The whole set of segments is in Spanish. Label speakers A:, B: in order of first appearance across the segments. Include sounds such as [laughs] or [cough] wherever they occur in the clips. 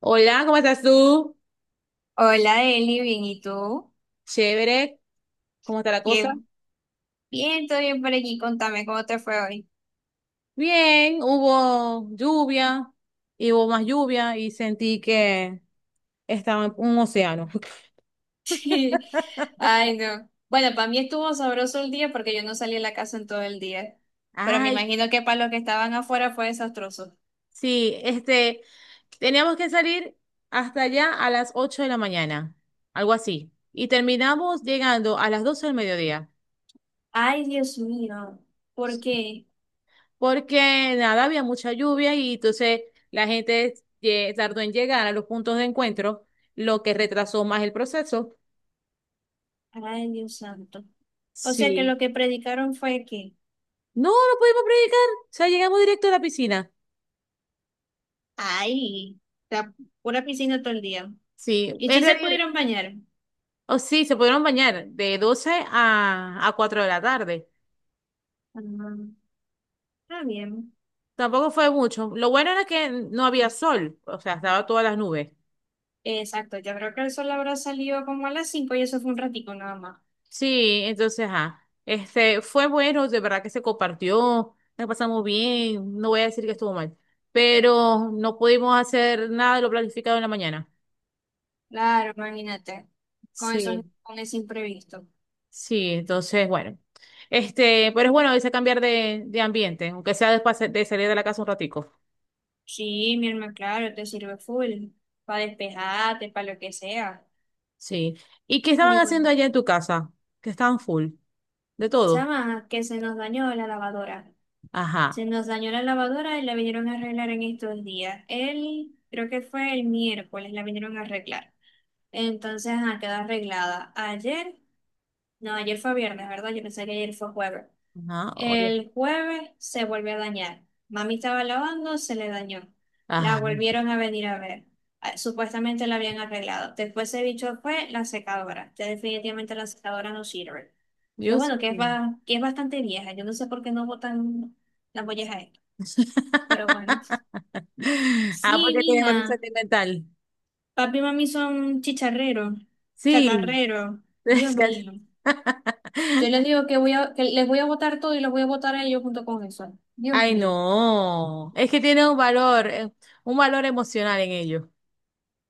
A: Hola, ¿cómo estás tú?
B: Hola, Eli, bien, ¿y tú?
A: Chévere, ¿cómo está la cosa?
B: Qué bien, todo bien por aquí. Contame cómo te fue hoy.
A: Bien, hubo lluvia, y hubo más lluvia y sentí que estaba en un océano. [laughs]
B: [laughs] Ay, no. Bueno, para mí estuvo sabroso el día porque yo no salí de la casa en todo el día. Pero me
A: Ay,
B: imagino que para los que estaban afuera fue desastroso.
A: sí, teníamos que salir hasta allá a las 8 de la mañana, algo así. Y terminamos llegando a las 12 del mediodía,
B: Ay, Dios mío. ¿Por qué?
A: porque nada, había mucha lluvia y entonces la gente tardó en llegar a los puntos de encuentro, lo que retrasó más el proceso.
B: Ay, Dios santo. O sea que
A: Sí.
B: lo que predicaron fue que,
A: No, no pudimos predicar. O sea, llegamos directo a la piscina.
B: ay, la pura piscina todo el día.
A: Sí,
B: ¿Y
A: en
B: si se
A: realidad,
B: pudieron bañar?
A: oh, sí, se pudieron bañar de 12 a 4 de la tarde.
B: Ah, está bien.
A: Tampoco fue mucho. Lo bueno era que no había sol, o sea, estaba todas las nubes.
B: Exacto, yo creo que el sol habrá salido como a las 5 y eso fue un ratico nada más.
A: Sí, entonces, fue bueno, de verdad que se compartió, la pasamos bien, no voy a decir que estuvo mal, pero no pudimos hacer nada de lo planificado en la mañana.
B: Claro, imagínate, con eso,
A: Sí.
B: con ese imprevisto.
A: Sí, entonces, bueno. Este, pero es bueno a veces cambiar de ambiente, aunque sea después de salir de la casa un ratico.
B: Sí, mi hermano, claro, te sirve full, para despejarte, para lo que sea.
A: Sí. ¿Y qué
B: Y
A: estaban haciendo
B: bueno,
A: allá en tu casa? Que estaban full, de todo.
B: chama, que se nos dañó la lavadora.
A: Ajá.
B: Se nos dañó la lavadora y la vinieron a arreglar en estos días. El, creo que fue el miércoles, la vinieron a arreglar. Entonces, quedó arreglada. Ayer, no, ayer fue viernes, ¿verdad? Yo pensé que ayer fue jueves.
A: Ajá, oye.
B: El jueves se volvió a dañar. Mami estaba lavando, se le dañó. La
A: Ajá.
B: volvieron a venir a ver. Ah, supuestamente la habían arreglado. Después se bicho fue la secadora. Que definitivamente la secadora no sirve. Que
A: Dios
B: bueno, que es,
A: mío.
B: ba- que es bastante vieja. Yo no sé por qué no botan la molleja esta. Pero bueno.
A: [laughs] Ah,
B: Sí,
A: porque tiene un
B: mija.
A: sentimental.
B: Papi y mami son chicharreros,
A: Sí.
B: chatarreros. Dios mío. Yo les
A: [laughs]
B: digo que voy a, que les voy a botar todo y los voy a botar a ellos junto con eso. Dios
A: Ay,
B: mío.
A: no. Es que tiene un valor emocional en ello.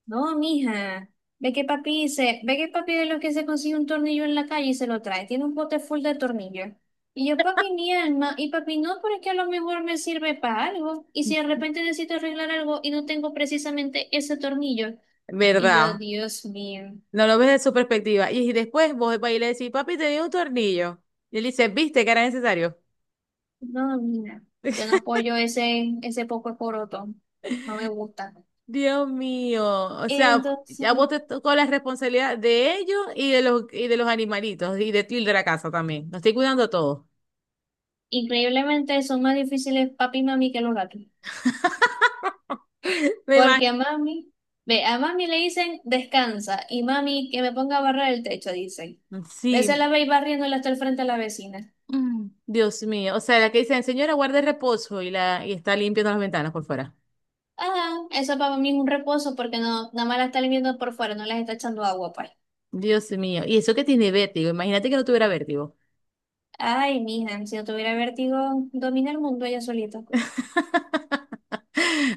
B: No, mija, ve que papi dice, ve que papi de los que se consigue un tornillo en la calle y se lo trae, tiene un bote full de tornillos. Y yo, papi, mi alma, y papi, no, pero es que a lo mejor me sirve para algo. Y si de repente necesito arreglar algo y no tengo precisamente ese tornillo. Y yo,
A: ¿Verdad?
B: Dios mío,
A: No lo ves de su perspectiva. Y después vos vas y le decís, papi, te dio un tornillo. Y él dice, ¿viste que era necesario?
B: no, mija, yo no apoyo ese poco de coroto, no me gusta.
A: Dios mío. O sea, ya
B: Entonces,
A: vos te tocó la responsabilidad de ellos y de los animalitos y de ti y de la casa también. Nos estoy cuidando todo.
B: increíblemente son más difíciles papi y mami que los gatos.
A: Me
B: Porque a
A: imagino.
B: mami, ve, a mami le dicen descansa y mami que me ponga a barrer el techo, dicen. Veces
A: Sí.
B: la veis barriéndola hasta el frente a la vecina.
A: Mm, Dios mío. O sea, la que dicen, señora, guarde reposo y, la, y está limpiando las ventanas por fuera.
B: Ah, eso para mí es un reposo porque no, nada más la está limpiando por fuera, no las está echando agua, pues.
A: Dios mío. Y eso que tiene vértigo. Imagínate que no tuviera vértigo.
B: Ay, mija, si no tuviera vértigo, domina el mundo ella solita.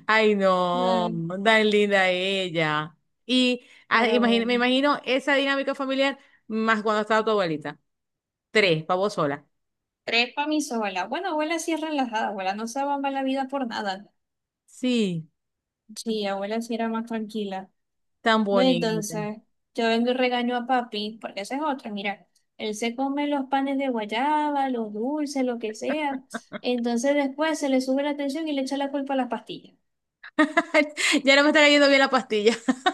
A: Ay, no,
B: Ay,
A: tan linda ella. Y
B: pero
A: me
B: bueno.
A: imagino esa dinámica familiar más cuando estaba tu abuelita. Tres, para vos sola.
B: Tres para mi sola. Bueno, abuela sí es relajada, abuela no se abamba la vida por nada.
A: Sí,
B: Sí, abuela sí era más tranquila.
A: tan
B: No,
A: bonita.
B: entonces, yo vengo y regaño a papi, porque esa es otra, mira, él se come los panes de guayaba, los dulces, lo que sea, entonces después se le sube la tensión y le echa la culpa a las pastillas.
A: [laughs] Ya no me está cayendo bien la pastilla. [laughs]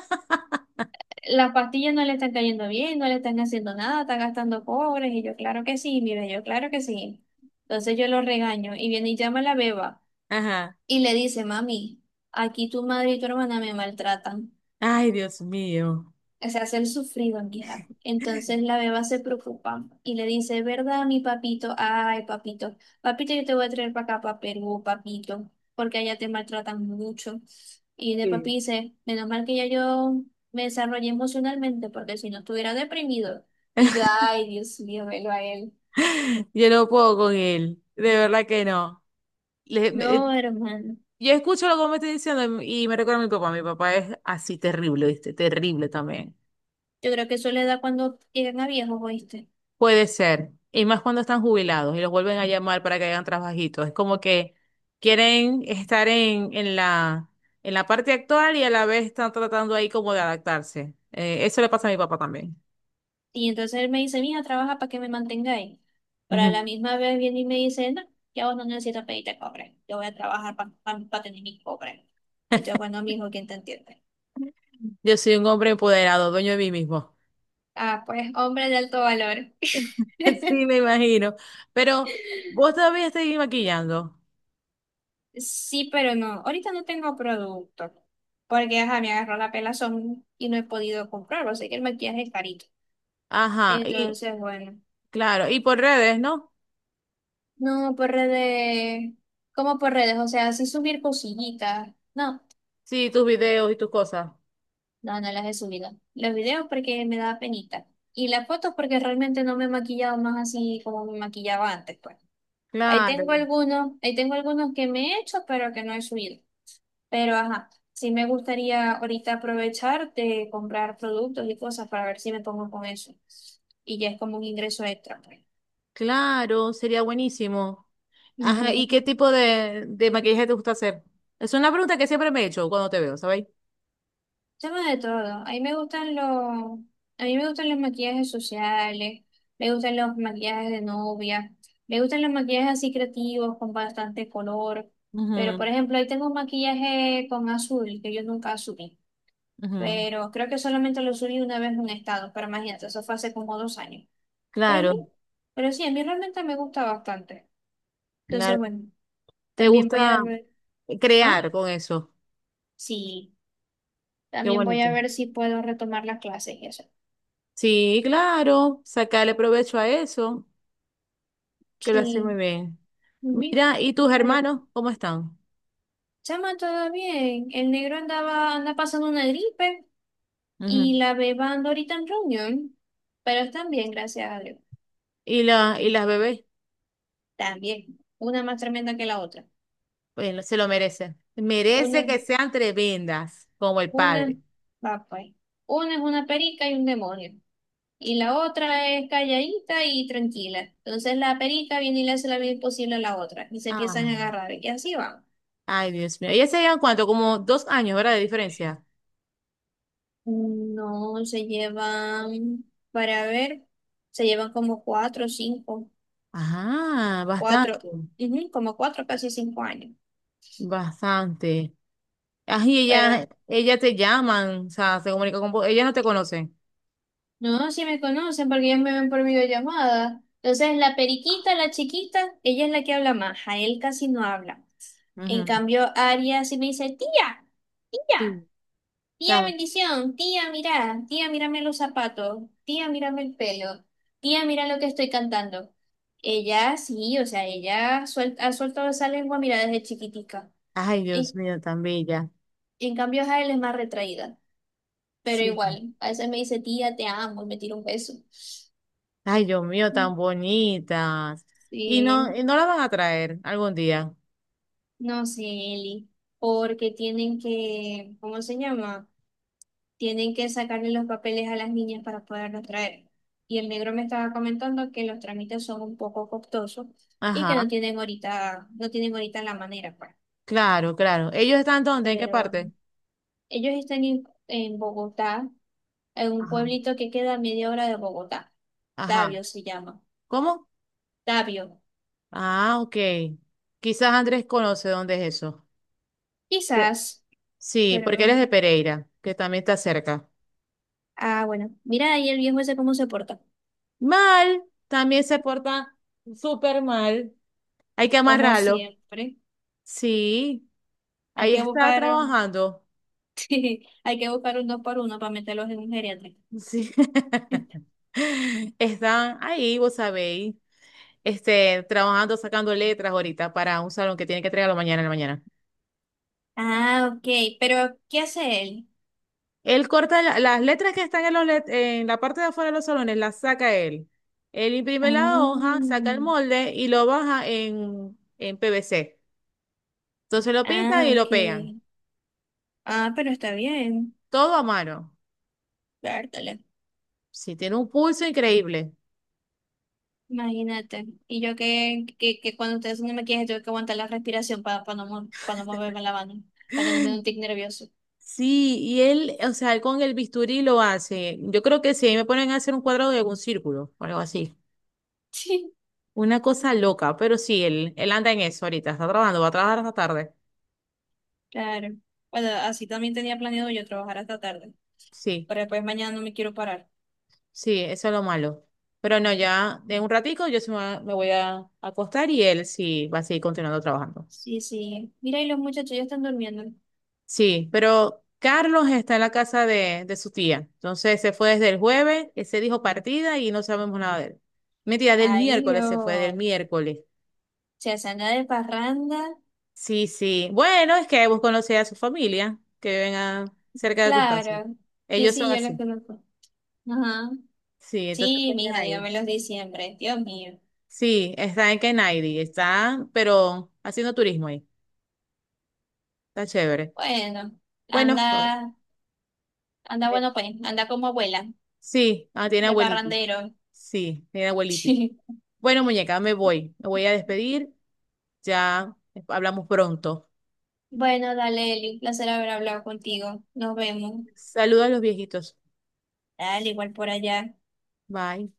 B: Las pastillas no le están cayendo bien, no le están haciendo nada, están gastando cobres, y yo, claro que sí, mira, yo, claro que sí. Entonces yo lo regaño, y viene y llama a la beba,
A: Ajá.
B: y le dice, mami, aquí tu madre y tu hermana me maltratan.
A: Ay, Dios mío.
B: O sea, hacer sufrido en mi. Entonces la beba se preocupa y le dice, ¿verdad, mi papito? Ay, papito, papito, yo te voy a traer para acá, para Perú, papito, porque allá te maltratan mucho. Y de
A: Sí.
B: papi dice, menos mal que ya yo me desarrollé emocionalmente, porque si no estuviera deprimido. Y yo, ay, Dios mío, velo a él.
A: Yo no puedo con él. De verdad que no. Le- me- eh,
B: No, hermano,
A: yo escucho lo que me está diciendo y me recuerda a mi papá. Mi papá es así terrible, ¿viste? Terrible también.
B: yo creo que eso le da cuando llegan a viejos, ¿oíste?
A: Puede ser. Y más cuando están jubilados y los vuelven a llamar para que hagan trabajitos. Es como que quieren estar en la parte actual y a la vez están tratando ahí como de adaptarse. Eso le pasa a mi papá también.
B: Y entonces él me dice, mija, trabaja para que me mantengáis. Pero a la
A: Ujú.
B: misma vez viene y me dice, no, ya vos no necesitas pedirte cobre. Yo voy a trabajar para tener mis cobres. Y yo, bueno, mijo, ¿quién te entiende?
A: Yo soy un hombre empoderado, dueño de mí mismo.
B: Ah, pues hombre de alto valor.
A: [laughs] Sí,
B: [laughs]
A: me imagino. Pero vos todavía seguís maquillando.
B: Sí, pero no. Ahorita no tengo producto. Porque, ajá, me agarró la pelazón y no he podido comprarlo. Sé que el maquillaje es carito.
A: Ajá. Y
B: Entonces, bueno.
A: claro, y por redes, ¿no?
B: No, por redes. ¿Cómo por redes? O sea, así subir cosillitas. No,
A: Sí, tus videos y tus cosas.
B: no, no las he subido. Los videos porque me da penita. Y las fotos porque realmente no me he maquillado más así como me maquillaba antes, pues. Ahí
A: Claro.
B: tengo algunos, ahí tengo algunos que me he hecho, pero que no he subido. Pero ajá, sí me gustaría ahorita aprovechar de comprar productos y cosas para ver si me pongo con eso. Y ya es como un ingreso extra, pues.
A: Claro, sería buenísimo. Ajá, ¿y qué
B: Ujú.
A: tipo de maquillaje te gusta hacer? Es una pregunta que siempre me he hecho cuando te veo, ¿sabéis?
B: Chama de todo. A mí me gustan los, a mí me gustan los maquillajes sociales, me gustan los maquillajes de novia, me gustan los maquillajes así creativos con bastante color. Pero por
A: Ujú,
B: ejemplo, ahí tengo un maquillaje con azul que yo nunca asumí.
A: ujú.
B: Pero creo que solamente lo subí una vez en un estado, pero imagínate, eso fue hace como 2 años. Pero a
A: Claro,
B: mí, pero sí, a mí realmente me gusta bastante. Entonces,
A: claro.
B: bueno,
A: ¿Te
B: también voy a
A: gusta
B: ver, ah,
A: crear con eso?
B: sí,
A: Qué
B: también voy
A: bonito.
B: a ver si puedo retomar las clases y eso.
A: Sí, claro, sacarle provecho a eso, que lo hace muy
B: Sí.
A: bien.
B: Ujú.
A: Mira, ¿y tus
B: Pero,
A: hermanos cómo están?
B: chama, todo bien. El negro andaba, anda pasando una gripe
A: Ujú.
B: y la beba anda ahorita en reunión. Pero están bien, gracias a Dios.
A: ¿Y y las bebés?
B: También. Una más tremenda que la otra.
A: Bueno, se lo merecen. Merece
B: Una,
A: que sean tremendas, como el
B: una,
A: padre.
B: va pues. Una es una perica y un demonio. Y la otra es calladita y tranquila. Entonces la perica viene y le hace la vida imposible a la otra. Y se empiezan a
A: Ah.
B: agarrar. Y así van.
A: Ay, Dios mío. ¿Ella se llevan cuánto? Como dos años, ¿verdad? De diferencia.
B: No, se llevan, para ver, se llevan como 4 o 5.
A: Ajá,
B: Cuatro,
A: bastante.
B: ujú, como 4, casi 5 años.
A: Bastante. Ay,
B: Pero
A: ella te llaman, o sea, se comunica con vos. Ella no te conoce.
B: no, sí me conocen porque ellos me ven por videollamada. Entonces, la periquita, la chiquita, ella es la que habla más, a él casi no habla. En
A: Ujú.
B: cambio, Aria sí me dice, tía, tía,
A: Sí.
B: tía
A: Tan-
B: bendición, tía, mira, tía, mírame los zapatos, tía, mírame el pelo, tía, mira lo que estoy cantando. Ella sí, o sea, ella ha soltado esa lengua, mira, desde chiquitica.
A: Ay, Dios
B: Y,
A: mío, tan bella.
B: en cambio, Jael es más retraída. Pero
A: Sí.
B: igual, a veces me dice, tía, te amo, y me tira un beso.
A: Ay, Dios mío, tan bonitas.
B: Sí,
A: Y no la van a traer algún día.
B: no sé, Eli, porque tienen que, ¿cómo se llama? Tienen que sacarle los papeles a las niñas para poderlos traer. Y el negro me estaba comentando que los trámites son un poco costosos y que
A: Ajá,
B: no tienen ahorita la manera, pues.
A: claro, claro. ¿Ellos están dónde? ¿En qué
B: Pero
A: parte?
B: ellos están en Bogotá, en un
A: Ajá.
B: pueblito que queda a media hora de Bogotá.
A: Ajá.
B: Tabio se llama.
A: ¿Cómo?
B: Tabio.
A: Ah, ok. Quizás Andrés conoce dónde es eso.
B: Quizás,
A: Sí, porque eres
B: pero
A: de Pereira, que también está cerca.
B: ah, bueno, mira ahí el viejo ese cómo se porta,
A: Mal, también se porta súper mal. Hay que
B: como
A: amarrarlo.
B: siempre.
A: Sí,
B: Hay
A: ahí
B: que
A: está
B: buscar,
A: trabajando.
B: [laughs] sí, hay que buscar un dos por uno para meterlos en un geriatra.
A: Sí.
B: [laughs]
A: [laughs] Están ahí, vos sabéis, este, trabajando, sacando letras ahorita para un salón que tiene que entregarlo mañana en la mañana.
B: Ah, ok, pero ¿qué hace él?
A: Él corta las letras que están en la parte de afuera de los salones, las saca él. Él
B: Ah,
A: imprime la hoja, saca el molde y lo baja en PVC. Entonces lo pintan y lo
B: ok.
A: pegan.
B: Ah, pero está bien,
A: Todo a mano.
B: vértale.
A: Sí, tiene un pulso increíble.
B: Imagínate. Y yo que cuando ustedes no me quieren, tengo que aguantar la respiración para no, pa no moverme la mano, para que no me dé un tic nervioso.
A: Sí, y él, o sea, él con el bisturí lo hace. Yo creo que sí, ahí me ponen a hacer un cuadrado de algún círculo o algo así.
B: [laughs] Sí,
A: Una cosa loca, pero sí, él anda en eso ahorita, está trabajando, va a trabajar hasta tarde.
B: claro. Bueno, así también tenía planeado yo trabajar hasta tarde,
A: Sí,
B: pero después mañana no me quiero parar.
A: sí, eso es lo malo. Pero no, ya de un ratico yo se me, me voy a acostar y él sí va a seguir continuando trabajando.
B: Sí, sí. Mira, y los muchachos ya están durmiendo.
A: Sí, pero Carlos está en la casa de su tía. Entonces se fue desde el jueves, se dijo partida y no sabemos nada de él. Mentira, del
B: Ay,
A: miércoles se fue, del
B: Dios.
A: miércoles.
B: Se hacen la de parranda.
A: Sí, sí. Bueno, es que vos conocés a su familia, que viven a- cerca de tus casas.
B: Claro. Sí,
A: Ellos son
B: sí, yo los
A: así.
B: conozco. Ajá.
A: Sí, entonces está
B: Sí,
A: en
B: mija,
A: Canaima.
B: dígame los diciembre. Dios mío.
A: Sí, está en Kenaidi, está, pero haciendo turismo ahí. Está chévere.
B: Bueno,
A: Bueno, Flor,
B: anda, anda
A: ve-
B: bueno, pues, anda como abuela,
A: sí, ah, tiene
B: de
A: abuelitos.
B: parrandero. [laughs]
A: Sí, tiene abuelitos.
B: Sí.
A: Bueno, muñeca, me voy. Me voy a despedir. Ya hablamos pronto.
B: Bueno, dale, Eli, un placer haber hablado contigo. Nos vemos.
A: Saludos a los viejitos.
B: Dale, igual por allá.
A: Bye.